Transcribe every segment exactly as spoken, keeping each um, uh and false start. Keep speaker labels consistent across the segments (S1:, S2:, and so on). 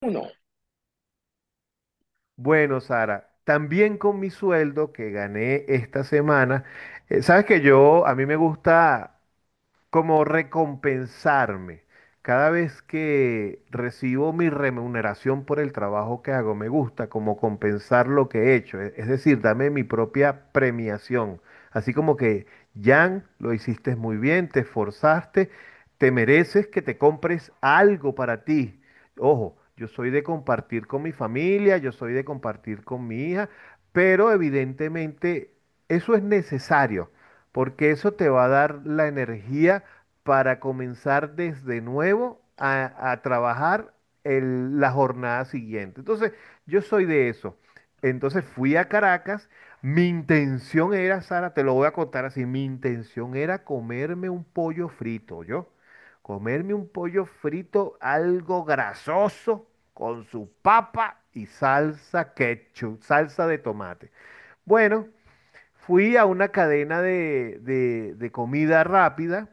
S1: Uno.
S2: Bueno, Sara, también con mi sueldo que gané esta semana, eh, sabes que yo, a mí me gusta como recompensarme. Cada vez que recibo mi remuneración por el trabajo que hago, me gusta como compensar lo que he hecho, e- es decir, dame mi propia premiación. Así como que, Jan, lo hiciste muy bien, te esforzaste, te mereces que te compres algo para ti. Ojo, yo soy de compartir con mi familia, yo soy de compartir con mi hija, pero evidentemente eso es necesario porque eso te va a dar la energía para comenzar desde nuevo a, a trabajar el- la jornada siguiente. Entonces, yo soy de eso. Entonces fui a Caracas, mi intención era, Sara, te lo voy a contar así, mi intención era comerme un pollo frito, yo. Comerme un pollo frito, algo grasoso, con su papa y salsa ketchup, salsa de tomate. Bueno, fui a una cadena de, de- de comida rápida,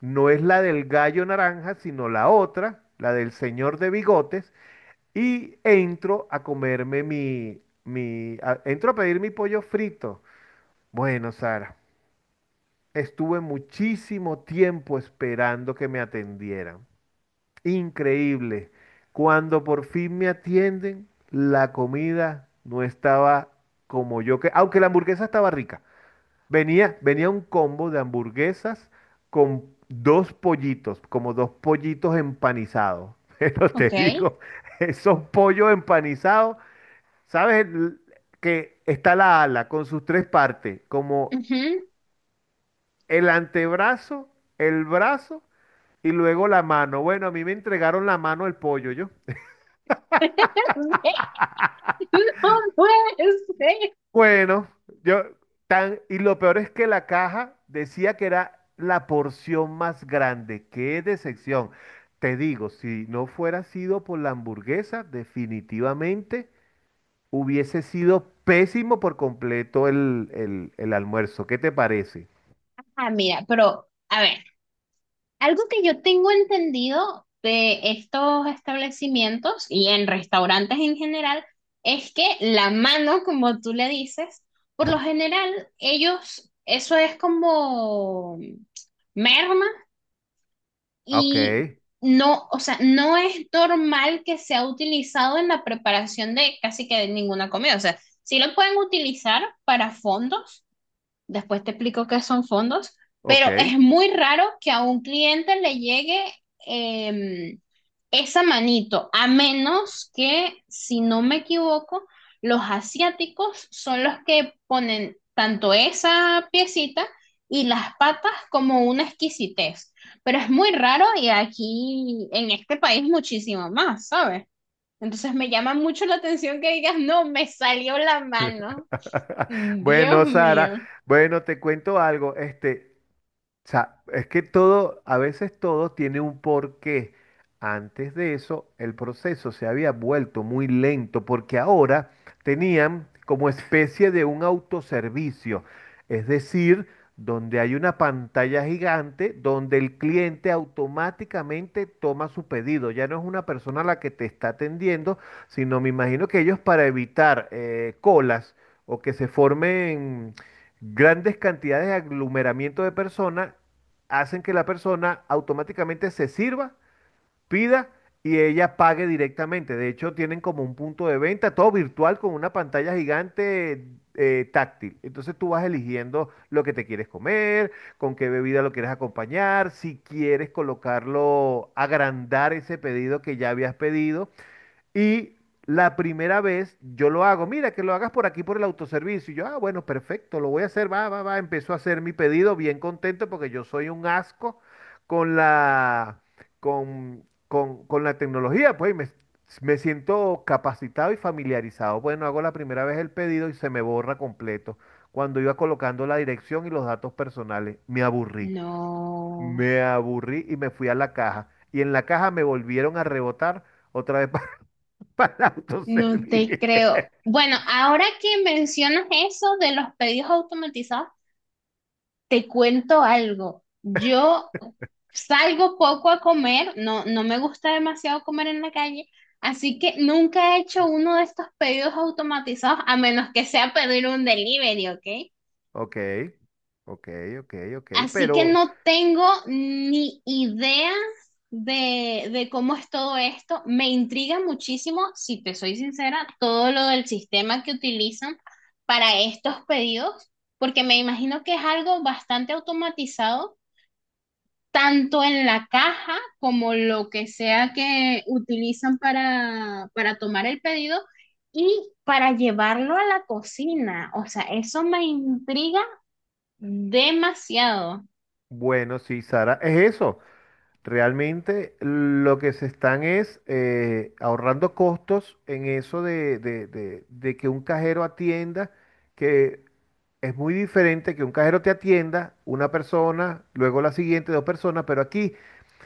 S2: no es la del gallo naranja, sino la otra, la del señor de bigotes, y entro a comerme mi, mi, a- entro a pedir mi pollo frito. Bueno, Sara, estuve muchísimo tiempo esperando que me atendieran. Increíble. Cuando por fin me atienden, la comida no estaba como yo que, aunque la hamburguesa estaba rica. Venía, venía un combo de hamburguesas con dos pollitos, como dos pollitos empanizados. Pero te
S1: Okay.
S2: digo, esos pollos empanizados, ¿sabes? El- Que está la ala con sus tres partes, como el antebrazo, el brazo y luego la mano. Bueno, a mí me entregaron la mano el pollo, yo. Bueno, yo tan, y lo peor es que la caja decía que era la porción más grande. Qué decepción. Te digo, si no fuera sido por la hamburguesa, definitivamente hubiese sido pésimo por completo el, el, el almuerzo. ¿Qué te parece?
S1: Ah, mira, pero a ver, algo que yo tengo entendido de estos establecimientos y en restaurantes en general es que la mano, como tú le dices, por lo general ellos, eso es como merma
S2: Ok,
S1: y no, o sea, no es normal que sea utilizado en la preparación de casi que de ninguna comida. O sea, sí lo pueden utilizar para fondos. Después te explico qué son fondos, pero
S2: ok.
S1: es muy raro que a un cliente le llegue em, esa manito, a menos que, si no me equivoco, los asiáticos son los que ponen tanto esa piecita y las patas como una exquisitez. Pero es muy raro y aquí en este país muchísimo más, ¿sabes? Entonces me llama mucho la atención que digas, no, me salió la mano. Dios
S2: Bueno, Sara,
S1: mío.
S2: bueno, te cuento algo. Este, o sea, es que todo, a veces todo tiene un porqué. Antes de eso, el proceso se había vuelto muy lento porque ahora tenían como especie de un autoservicio, es decir, donde hay una pantalla gigante donde el cliente automáticamente toma su pedido. Ya no es una persona la que te está atendiendo, sino me imagino que ellos para evitar eh, colas o que se formen grandes cantidades de aglomeramiento de personas hacen que la persona automáticamente se sirva, pida y ella pague directamente. De hecho, tienen como un punto de venta, todo virtual con una pantalla gigante, eh, táctil. Entonces tú vas eligiendo lo que te quieres comer, con qué bebida lo quieres acompañar, si quieres colocarlo, agrandar ese pedido que ya habías pedido. Y la primera vez yo lo hago, mira, que lo hagas por aquí, por el autoservicio. Y yo, ah, bueno, perfecto, lo voy a hacer, va, va, va. Empezó a hacer mi pedido bien contento porque yo soy un asco con la, con, con- con la tecnología, pues, y me, me siento capacitado y familiarizado. Bueno, hago la primera vez el pedido y se me borra completo. Cuando iba colocando la dirección y los datos personales, me aburrí.
S1: No,
S2: Me aburrí y me fui a la caja. Y en la caja me volvieron a rebotar otra vez para
S1: no
S2: autoservir.
S1: te creo. Bueno, ahora que mencionas eso de los pedidos automatizados, te cuento algo. Yo salgo poco a comer, no, no me gusta demasiado comer en la calle, así que nunca he hecho uno de estos pedidos automatizados, a menos que sea pedir un delivery, ¿ok?
S2: Ok, ok, ok, ok.
S1: Así que
S2: Pero
S1: no tengo ni idea de, de cómo es todo esto. Me intriga muchísimo, si te soy sincera, todo lo del sistema que utilizan para estos pedidos, porque me imagino que es algo bastante automatizado, tanto en la caja como lo que sea que utilizan para, para tomar el pedido y para llevarlo a la cocina. O sea, eso me intriga demasiado.
S2: bueno, sí, Sara, es eso. Realmente lo que se están es eh, ahorrando costos en eso de, de- de- de que un cajero atienda, que es muy diferente que un cajero te atienda, una persona, luego la siguiente, dos personas, pero aquí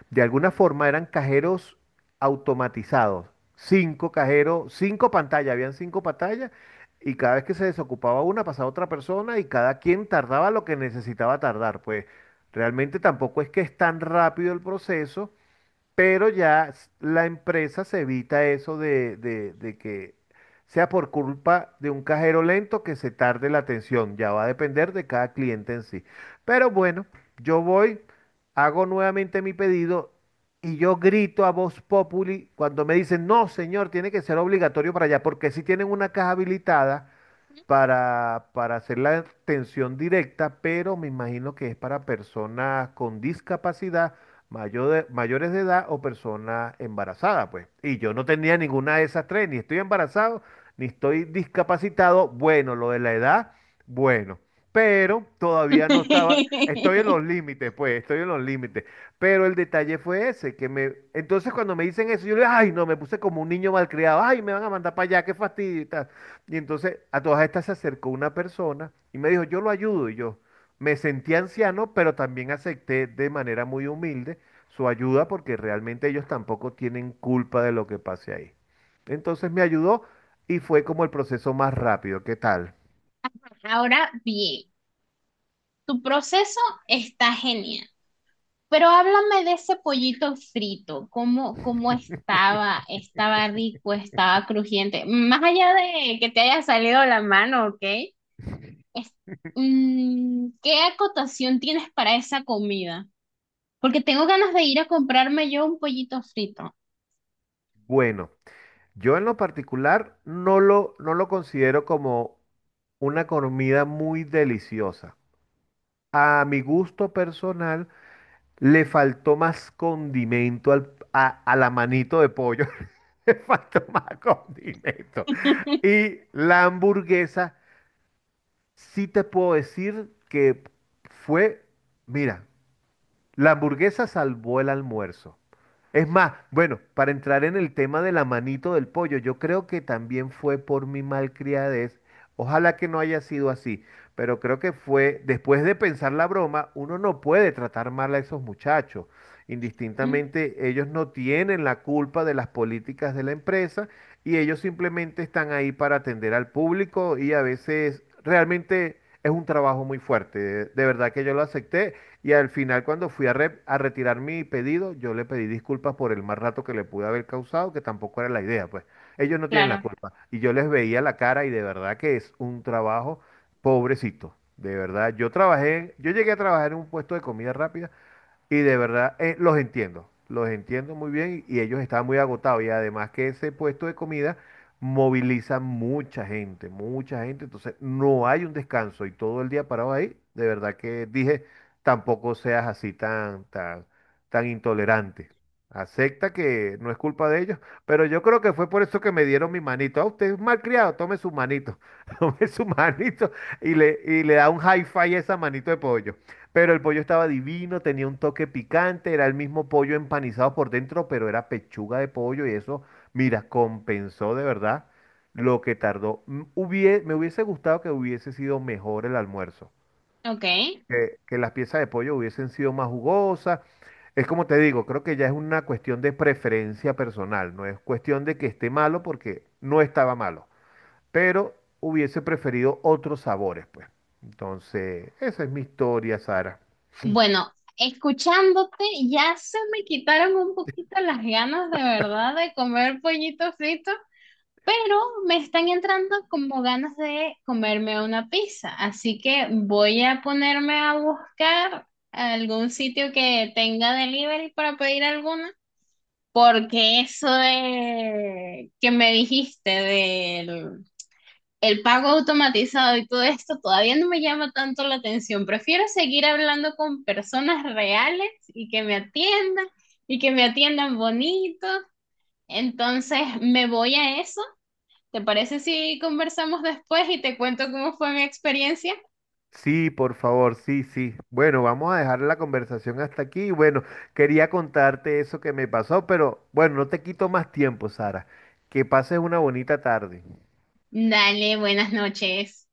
S2: de alguna forma eran cajeros automatizados. Cinco cajeros, cinco pantallas, habían cinco pantallas y cada vez que se desocupaba una pasaba otra persona y cada quien tardaba lo que necesitaba tardar. Pues realmente tampoco es que es tan rápido el proceso, pero ya s- la empresa se evita eso de, de- de que sea por culpa de un cajero lento que se tarde la atención. Ya va a depender de cada cliente en sí. Pero bueno, yo voy, hago nuevamente mi pedido y yo grito a voz populi cuando me dicen, no, señor, tiene que ser obligatorio para allá, porque si tienen una caja habilitada para, para hacer la atención directa, pero me imagino que es para personas con discapacidad, mayor de- mayores de edad o personas embarazadas, pues. Y yo no tenía ninguna de esas tres, ni estoy embarazado, ni estoy discapacitado. Bueno, lo de la edad, bueno, pero todavía no estaba, estoy en los límites, pues, estoy en los límites. Pero el detalle fue ese, que me, entonces cuando me dicen eso, yo le digo, ay, no, me puse como un niño malcriado, ay, me van a mandar para allá, qué fastidio y tal. Y entonces a todas estas se acercó una persona y me dijo, yo lo ayudo. Y yo me sentí anciano, pero también acepté de manera muy humilde su ayuda porque realmente ellos tampoco tienen culpa de lo que pase ahí. Entonces me ayudó y fue como el proceso más rápido. ¿Qué tal?
S1: Ahora bien, tu proceso está genial, pero háblame de ese pollito frito, cómo, cómo estaba, estaba rico, estaba crujiente, más allá de que te haya salido la mano, ¿ok? Es- mm, ¿qué acotación tienes para esa comida? Porque tengo ganas de ir a comprarme yo un pollito frito.
S2: Bueno, yo en lo particular no lo, no lo considero como una comida muy deliciosa. A mi gusto personal, le faltó más condimento al- a, a la manito de pollo. Le faltó más condimento. Y la hamburguesa, sí te puedo decir que fue, mira, la hamburguesa salvó el almuerzo. Es más, bueno, para entrar en el tema de la manito del pollo, yo creo que también fue por mi malcriadez. Ojalá que no haya sido así, pero creo que fue, después de pensar la broma, uno no puede tratar mal a esos muchachos.
S1: Mm.
S2: Indistintamente, ellos no tienen la culpa de las políticas de la empresa y ellos simplemente están ahí para atender al público y a veces realmente es un trabajo muy fuerte. De de verdad que yo lo acepté y al final, cuando fui a, re- a retirar mi pedido, yo le pedí disculpas por el mal rato que le pude haber causado, que tampoco era la idea, pues. Ellos no tienen la
S1: Claro,
S2: culpa. Y yo les veía la cara y de verdad que es un trabajo pobrecito. De verdad, yo trabajé, yo llegué a trabajar en un puesto de comida rápida y de verdad, eh, los entiendo, los entiendo muy bien y ellos estaban muy agotados y además que ese puesto de comida moviliza mucha gente, mucha gente, entonces no hay un descanso y todo el día parado ahí, de verdad que dije, tampoco seas así tan, tan, tan intolerante. Acepta que no es culpa de ellos, pero yo creo que fue por eso que me dieron mi manito. Ah, usted es malcriado, tome su manito, tome su manito y le, y le da un hi-fi a esa manito de pollo. Pero el pollo estaba divino, tenía un toque picante, era el mismo pollo empanizado por dentro, pero era pechuga de pollo y eso, mira, compensó de verdad lo que tardó. Mm, hubie- me hubiese gustado que hubiese sido mejor el almuerzo,
S1: ok.
S2: que, que las piezas de pollo hubiesen sido más jugosas. Es como te digo, creo que ya es una cuestión de preferencia personal, no es cuestión de que esté malo porque no estaba malo, pero hubiese preferido otros sabores, pues. Entonces, esa es mi historia, Sara.
S1: Bueno, escuchándote ya se me quitaron un poquito las ganas de verdad de comer pollito frito, pero me están entrando como ganas de comerme una pizza, así que voy a ponerme a buscar algún sitio que tenga delivery para pedir alguna, porque eso de que me dijiste el pago automatizado y todo esto todavía no me llama tanto la atención. Prefiero seguir hablando con personas reales y que me atiendan y que me atiendan bonito. Entonces me voy a eso. ¿Te parece si conversamos después y te cuento cómo fue mi experiencia?
S2: Sí, por favor, sí, sí. Bueno, vamos a dejar la conversación hasta aquí. Bueno, quería contarte eso que me pasó, pero bueno, no te quito más tiempo, Sara. Que pases una bonita tarde.
S1: Dale, buenas noches.